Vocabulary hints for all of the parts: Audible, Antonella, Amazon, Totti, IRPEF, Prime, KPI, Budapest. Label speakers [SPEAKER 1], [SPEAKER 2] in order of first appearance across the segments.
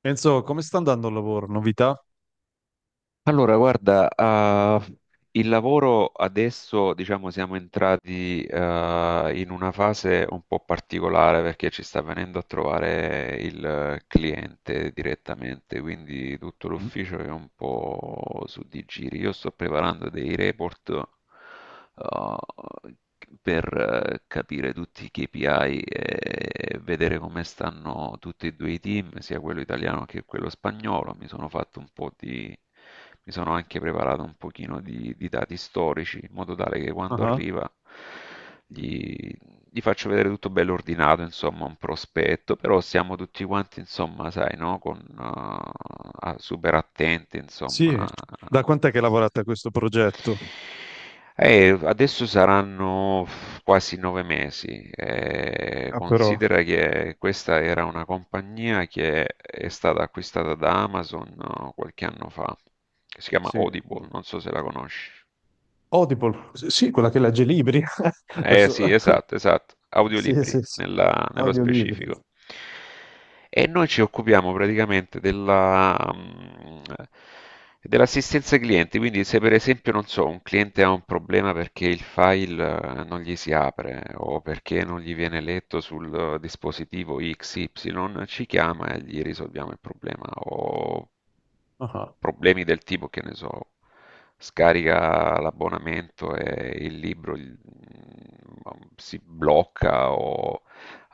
[SPEAKER 1] Enzo, come sta andando il lavoro? Novità?
[SPEAKER 2] Allora, guarda, il lavoro adesso, diciamo, siamo entrati in una fase un po' particolare perché ci sta venendo a trovare il cliente direttamente, quindi tutto
[SPEAKER 1] Mm.
[SPEAKER 2] l'ufficio è un po' su di giri. Io sto preparando dei report eh, per capire tutti i KPI e vedere come stanno tutti e due i team, sia quello italiano che quello spagnolo. Mi sono fatto un po' di... mi sono anche preparato un pochino di dati storici, in modo tale che quando
[SPEAKER 1] Ah,
[SPEAKER 2] arriva gli, gli faccio vedere tutto bello ordinato, insomma, un prospetto, però siamo tutti quanti, insomma, sai, no? Con, super attenti,
[SPEAKER 1] sì,
[SPEAKER 2] insomma,
[SPEAKER 1] da quant'è che lavorate a questo progetto?
[SPEAKER 2] adesso saranno quasi 9 mesi.
[SPEAKER 1] Ah, però,
[SPEAKER 2] Considera che questa era una compagnia che è stata acquistata da Amazon qualche anno fa, che si chiama
[SPEAKER 1] sì.
[SPEAKER 2] Audible, non so se la conosci.
[SPEAKER 1] Audible, sì, quella che legge libri.
[SPEAKER 2] Eh
[SPEAKER 1] Adesso...
[SPEAKER 2] sì, esatto, esatto,
[SPEAKER 1] Sì,
[SPEAKER 2] audiolibri
[SPEAKER 1] sì, sì.
[SPEAKER 2] nello
[SPEAKER 1] Audiolibri.
[SPEAKER 2] specifico. E noi ci occupiamo praticamente della dell'assistenza ai clienti, quindi se per esempio, non so, un cliente ha un problema perché il file non gli si apre o perché non gli viene letto sul dispositivo XY, ci chiama e gli risolviamo il problema o
[SPEAKER 1] Ah,
[SPEAKER 2] problemi del tipo, che ne so, scarica l'abbonamento e il libro si blocca o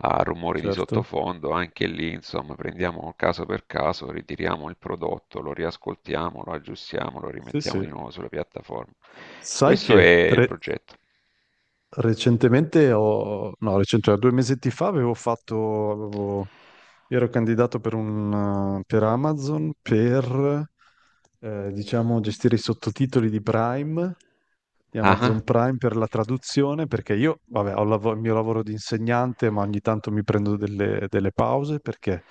[SPEAKER 2] ha rumori di
[SPEAKER 1] certo.
[SPEAKER 2] sottofondo, anche lì, insomma, prendiamo caso per caso, ritiriamo il prodotto, lo riascoltiamo, lo aggiustiamo, lo
[SPEAKER 1] Sì,
[SPEAKER 2] rimettiamo
[SPEAKER 1] sì.
[SPEAKER 2] di nuovo sulla piattaforma.
[SPEAKER 1] Sai
[SPEAKER 2] Questo è
[SPEAKER 1] che
[SPEAKER 2] il
[SPEAKER 1] re-
[SPEAKER 2] progetto.
[SPEAKER 1] Recentemente ho, no, recentemente, due mesetti fa avevo- ero candidato per Amazon per, diciamo, gestire i sottotitoli di Prime di
[SPEAKER 2] Ah,
[SPEAKER 1] Amazon
[SPEAKER 2] ah,
[SPEAKER 1] Prime per la traduzione, perché io, vabbè, ho il mio lavoro di insegnante, ma ogni tanto mi prendo delle pause perché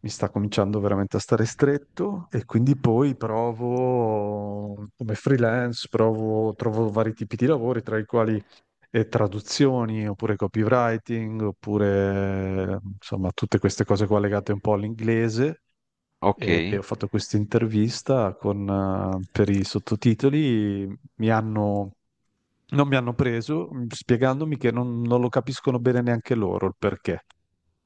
[SPEAKER 1] mi sta cominciando veramente a stare stretto e quindi poi provo come freelance, provo, trovo vari tipi di lavori, tra i quali traduzioni, oppure copywriting, oppure insomma tutte queste cose qua legate un po' all'inglese
[SPEAKER 2] ok.
[SPEAKER 1] e ho fatto questa intervista per i sottotitoli, mi hanno, non mi hanno preso, spiegandomi che non lo capiscono bene neanche loro il perché,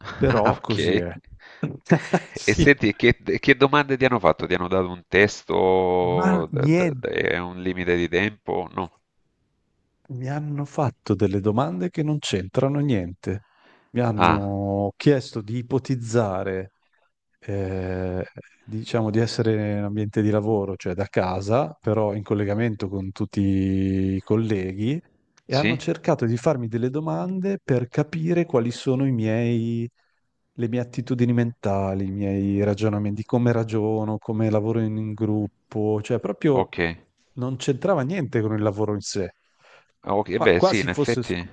[SPEAKER 2] Ah,
[SPEAKER 1] però
[SPEAKER 2] ok.
[SPEAKER 1] così è.
[SPEAKER 2] E
[SPEAKER 1] Sì.
[SPEAKER 2] senti, che domande ti hanno fatto? Ti hanno dato un
[SPEAKER 1] Ma
[SPEAKER 2] testo
[SPEAKER 1] niente,
[SPEAKER 2] e un limite di tempo? No.
[SPEAKER 1] mi hanno fatto delle domande che non c'entrano niente. Mi
[SPEAKER 2] Ah,
[SPEAKER 1] hanno chiesto di ipotizzare. eh, diciamo di essere in ambiente di lavoro, cioè da casa, però in collegamento con tutti i colleghi, e hanno
[SPEAKER 2] sì?
[SPEAKER 1] cercato di farmi delle domande per capire quali sono i miei, le mie attitudini mentali, i miei ragionamenti, come ragiono, come lavoro in gruppo, cioè proprio
[SPEAKER 2] Ok.
[SPEAKER 1] non c'entrava niente con il lavoro in sé.
[SPEAKER 2] Ah, ok,
[SPEAKER 1] Qua-
[SPEAKER 2] beh, sì,
[SPEAKER 1] quasi
[SPEAKER 2] in
[SPEAKER 1] fosse,
[SPEAKER 2] effetti.
[SPEAKER 1] sc-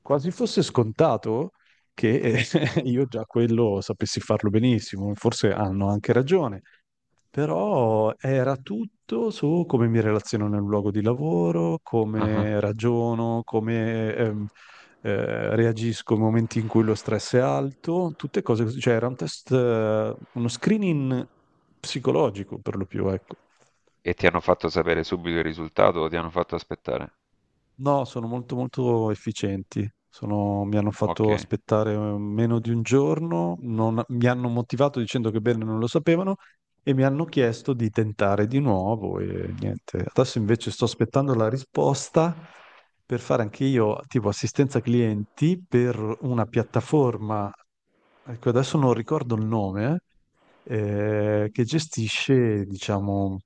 [SPEAKER 1] Quasi fosse scontato, che io già quello sapessi farlo benissimo, forse hanno anche ragione, però era tutto su come mi relaziono nel luogo di lavoro,
[SPEAKER 2] Ah.
[SPEAKER 1] come ragiono, come reagisco nei momenti in cui lo stress è alto, tutte cose così, cioè era un test, uno screening psicologico per lo più, ecco.
[SPEAKER 2] E ti hanno fatto sapere subito il risultato o ti hanno fatto aspettare?
[SPEAKER 1] No, sono molto molto efficienti. Mi hanno
[SPEAKER 2] Ok,
[SPEAKER 1] fatto aspettare meno di un giorno, mi hanno motivato dicendo che bene non lo sapevano e mi hanno chiesto di tentare di nuovo e niente. Adesso invece sto aspettando la risposta per fare anche io tipo assistenza clienti per una piattaforma, ecco adesso non ricordo il nome, che gestisce, diciamo,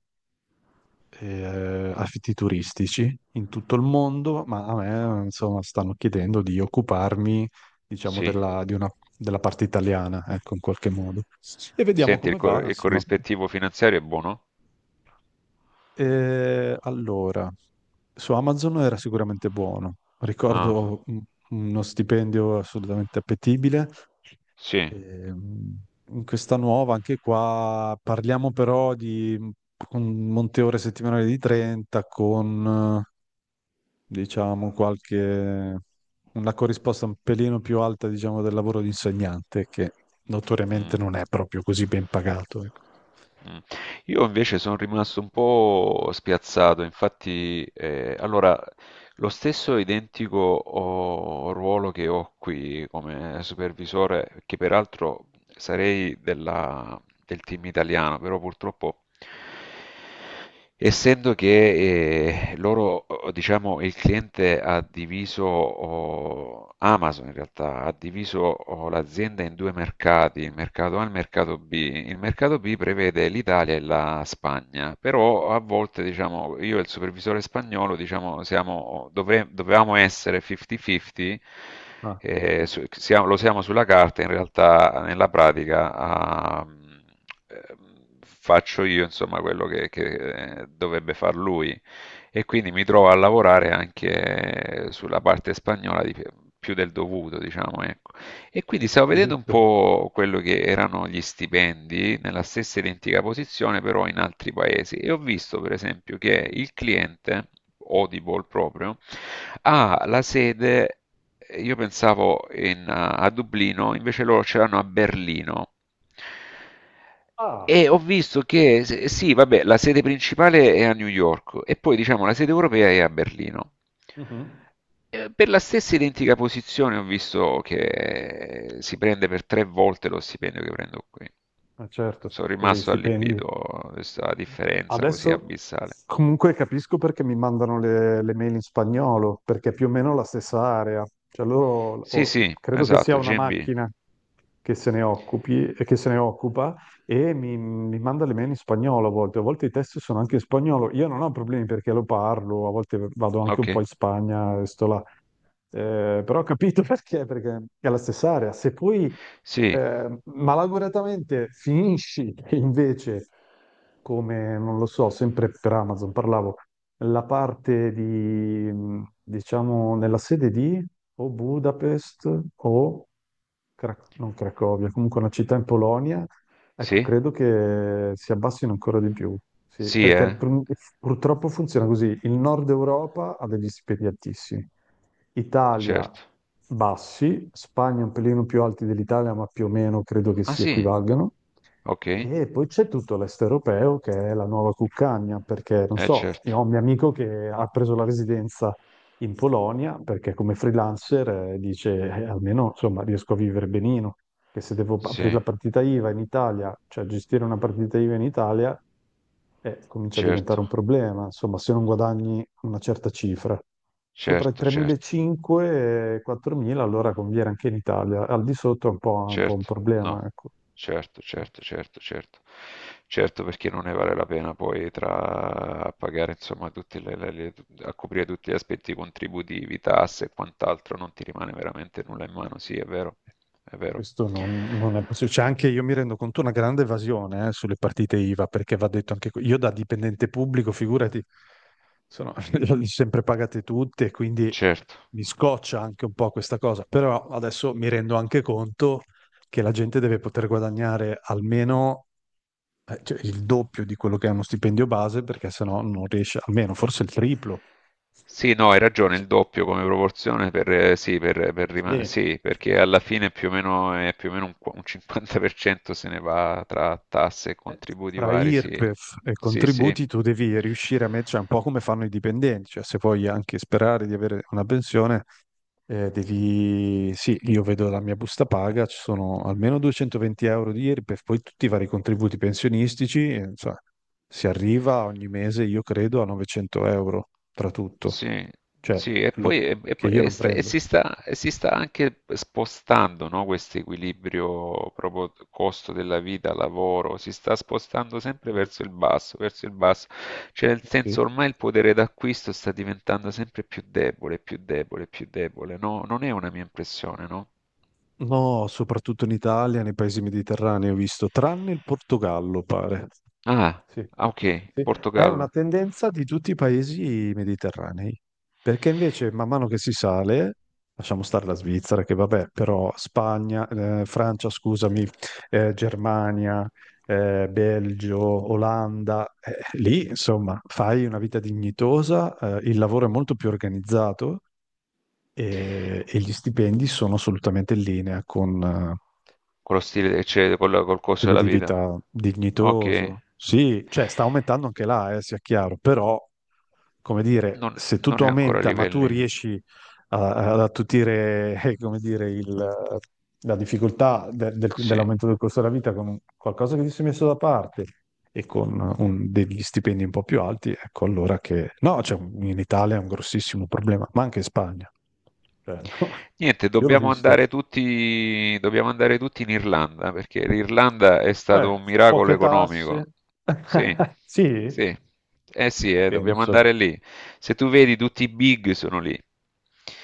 [SPEAKER 1] affitti turistici in tutto il mondo, ma a me, insomma, stanno chiedendo di occuparmi, diciamo,
[SPEAKER 2] sì.
[SPEAKER 1] della parte italiana, ecco, in qualche modo. E vediamo
[SPEAKER 2] Senti,
[SPEAKER 1] come va,
[SPEAKER 2] il
[SPEAKER 1] insomma.
[SPEAKER 2] corrispettivo finanziario è buono?
[SPEAKER 1] Allora, su Amazon era sicuramente buono.
[SPEAKER 2] Ah,
[SPEAKER 1] Ricordo uno stipendio assolutamente appetibile.
[SPEAKER 2] sì.
[SPEAKER 1] Ehm, In questa nuova, anche qua, parliamo però di un monte ore settimanale di 30 con, diciamo, qualche, una corrisposta un pelino più alta, diciamo, del lavoro di insegnante, che
[SPEAKER 2] Mm,
[SPEAKER 1] notoriamente non è proprio così ben pagato. Ecco.
[SPEAKER 2] mm. Io invece sono rimasto un po' spiazzato, infatti, allora, lo stesso identico ruolo che ho qui come supervisore, che peraltro sarei della- del team italiano, però purtroppo essendo che loro, diciamo, il cliente ha diviso, Amazon in realtà, ha diviso l'azienda in due mercati, il mercato A e il mercato B. Il mercato B prevede l'Italia e la Spagna, però a volte, diciamo, io e il supervisore spagnolo, diciamo, siamo, dovevamo essere 50-50,
[SPEAKER 1] Ah,
[SPEAKER 2] lo siamo sulla carta, in realtà nella pratica faccio io insomma quello che dovrebbe far lui e quindi mi trovo a lavorare anche sulla parte spagnola più del dovuto, diciamo, ecco. E quindi stavo vedendo un
[SPEAKER 1] capisco.
[SPEAKER 2] po' quello che erano gli stipendi nella stessa identica posizione, però in altri paesi, e ho visto per esempio che il cliente, Audible proprio, ha la sede, io pensavo a Dublino, invece loro ce l'hanno a Berlino. E
[SPEAKER 1] Ah,
[SPEAKER 2] ho visto che, sì, vabbè, la sede principale è a New York e poi diciamo la sede europea è a Berlino.
[SPEAKER 1] mhm.
[SPEAKER 2] Per la stessa identica posizione ho visto che si prende per tre volte lo stipendio che prendo qui.
[SPEAKER 1] Ma certo,
[SPEAKER 2] Sono
[SPEAKER 1] perché gli
[SPEAKER 2] rimasto
[SPEAKER 1] stipendi.
[SPEAKER 2] allibito a questa differenza così
[SPEAKER 1] Adesso
[SPEAKER 2] abissale.
[SPEAKER 1] comunque capisco perché mi mandano le mail in spagnolo, perché è più o meno la stessa area. Cioè loro,
[SPEAKER 2] Sì, sì,
[SPEAKER 1] credo che sia
[SPEAKER 2] esatto,
[SPEAKER 1] una
[SPEAKER 2] GMB.
[SPEAKER 1] macchina che se ne occupi, e che se ne occupa e mi manda le mail in spagnolo a volte. A volte i testi sono anche in spagnolo. Io non ho problemi perché lo parlo, a volte vado anche un
[SPEAKER 2] Ok.
[SPEAKER 1] po' in Spagna e sto là. Però ho capito perché è la stessa area. Se poi
[SPEAKER 2] Sì,
[SPEAKER 1] malauguratamente finisci invece come, non lo so, sempre per Amazon parlavo, la parte di, diciamo, nella sede di o Budapest o non Cracovia, comunque una città in Polonia, ecco,
[SPEAKER 2] sì,
[SPEAKER 1] credo che si abbassino ancora di più. Sì,
[SPEAKER 2] sì,
[SPEAKER 1] perché purtroppo funziona così. Il nord Europa ha degli stipendi altissimi. Italia
[SPEAKER 2] certo.
[SPEAKER 1] bassi, Spagna un pelino più alti dell'Italia, ma più o meno credo che
[SPEAKER 2] Ah
[SPEAKER 1] si
[SPEAKER 2] sì,
[SPEAKER 1] equivalgano.
[SPEAKER 2] ok,
[SPEAKER 1] E poi c'è tutto l'est europeo che è la nuova cuccagna, perché non
[SPEAKER 2] eh
[SPEAKER 1] so,
[SPEAKER 2] certo,
[SPEAKER 1] io ho un mio amico che ha preso la residenza in Polonia perché come freelancer dice almeno insomma riesco a vivere benino, che se devo aprire la
[SPEAKER 2] sì,
[SPEAKER 1] partita IVA in Italia, cioè gestire una partita IVA in Italia, comincia a diventare
[SPEAKER 2] certo,
[SPEAKER 1] un problema, insomma se non guadagni una certa cifra. Sopra i
[SPEAKER 2] certo, certo.
[SPEAKER 1] 3.500 e 4.000 allora conviene anche in Italia, al di sotto è un po', un po' un
[SPEAKER 2] Certo,
[SPEAKER 1] problema,
[SPEAKER 2] no,
[SPEAKER 1] ecco.
[SPEAKER 2] certo, certo, certo, certo. Certo, perché non ne vale la pena poi tra a pagare, insomma, tutte le- a coprire tutti gli aspetti contributivi, tasse e quant'altro, non ti rimane veramente nulla in mano, sì, è vero,
[SPEAKER 1] Questo non è possibile. C'è anche, io mi rendo conto, una grande evasione, sulle partite IVA, perché va detto anche io da dipendente pubblico, figurati, sono, le ho sempre pagate tutte, quindi
[SPEAKER 2] certo.
[SPEAKER 1] mi scoccia anche un po' questa cosa. Però adesso mi rendo anche conto che la gente deve poter guadagnare almeno, cioè, il doppio di quello che è uno stipendio base, perché sennò non riesce, almeno forse il triplo.
[SPEAKER 2] Sì, no, hai ragione, il doppio come proporzione per, sì, per rima-
[SPEAKER 1] Sì.
[SPEAKER 2] sì, perché alla fine più o meno, è più o meno un 50% se ne va tra tasse e
[SPEAKER 1] Eh,
[SPEAKER 2] contributi
[SPEAKER 1] tra
[SPEAKER 2] vari, sì,
[SPEAKER 1] IRPEF e
[SPEAKER 2] sì, sì.
[SPEAKER 1] contributi tu devi riuscire a mettere, un po' come fanno i dipendenti, cioè se vuoi anche sperare di avere una pensione, devi, sì, io vedo la mia busta paga, ci sono almeno 220 euro di IRPEF, poi tutti i vari contributi pensionistici, cioè, si arriva ogni mese, io credo, a 900 euro tra tutto,
[SPEAKER 2] Sì,
[SPEAKER 1] cioè
[SPEAKER 2] sì, e
[SPEAKER 1] lo-
[SPEAKER 2] poi, e- e
[SPEAKER 1] che
[SPEAKER 2] poi-
[SPEAKER 1] io
[SPEAKER 2] e
[SPEAKER 1] non
[SPEAKER 2] sta- e
[SPEAKER 1] prendo.
[SPEAKER 2] si sta, e si sta anche spostando, no, questo equilibrio proprio costo della vita, lavoro, si sta spostando sempre verso il basso, cioè nel
[SPEAKER 1] Sì.
[SPEAKER 2] senso ormai il potere d'acquisto sta diventando sempre più debole, più debole, più debole, no? Non è una mia impressione, no?
[SPEAKER 1] No, soprattutto in Italia, nei paesi mediterranei ho visto, tranne il Portogallo, pare.
[SPEAKER 2] Ah,
[SPEAKER 1] Sì,
[SPEAKER 2] ah, ok,
[SPEAKER 1] sì, sì. È una
[SPEAKER 2] Portogallo,
[SPEAKER 1] tendenza di tutti i paesi mediterranei, perché invece man mano che si sale, lasciamo stare la Svizzera, che vabbè, però Spagna, Francia, scusami, Germania, Belgio, Olanda, lì insomma fai una vita dignitosa, il lavoro è molto più organizzato e gli stipendi sono assolutamente in linea con
[SPEAKER 2] con lo stile, cioè col costo
[SPEAKER 1] quello
[SPEAKER 2] della
[SPEAKER 1] di
[SPEAKER 2] vita,
[SPEAKER 1] vita
[SPEAKER 2] ok,
[SPEAKER 1] dignitoso. Sì, cioè sta aumentando anche là, sia chiaro, però, come dire, se tutto
[SPEAKER 2] non è ancora a
[SPEAKER 1] aumenta, ma tu
[SPEAKER 2] livelli,
[SPEAKER 1] riesci ad attutire, come dire, la difficoltà
[SPEAKER 2] sì.
[SPEAKER 1] dell'aumento del costo della vita con qualcosa che ti sei messo da parte e con degli stipendi un po' più alti, ecco allora che... No, cioè, in Italia è un grossissimo problema, ma anche in Spagna. Cioè, no.
[SPEAKER 2] Niente,
[SPEAKER 1] Io l'ho visto.
[SPEAKER 2] dobbiamo andare tutti in Irlanda, perché l'Irlanda è
[SPEAKER 1] Eh,
[SPEAKER 2] stato un miracolo
[SPEAKER 1] poche tasse.
[SPEAKER 2] economico. Sì,
[SPEAKER 1] Sì,
[SPEAKER 2] sì. Eh sì,
[SPEAKER 1] ci
[SPEAKER 2] dobbiamo
[SPEAKER 1] penso.
[SPEAKER 2] andare lì. Se tu vedi, tutti i big sono lì.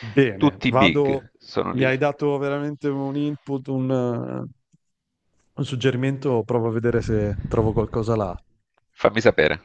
[SPEAKER 1] Bene,
[SPEAKER 2] Tutti i
[SPEAKER 1] vado.
[SPEAKER 2] big sono
[SPEAKER 1] Mi
[SPEAKER 2] lì.
[SPEAKER 1] hai dato veramente un input, un suggerimento. Provo a vedere se trovo qualcosa là.
[SPEAKER 2] Fammi sapere.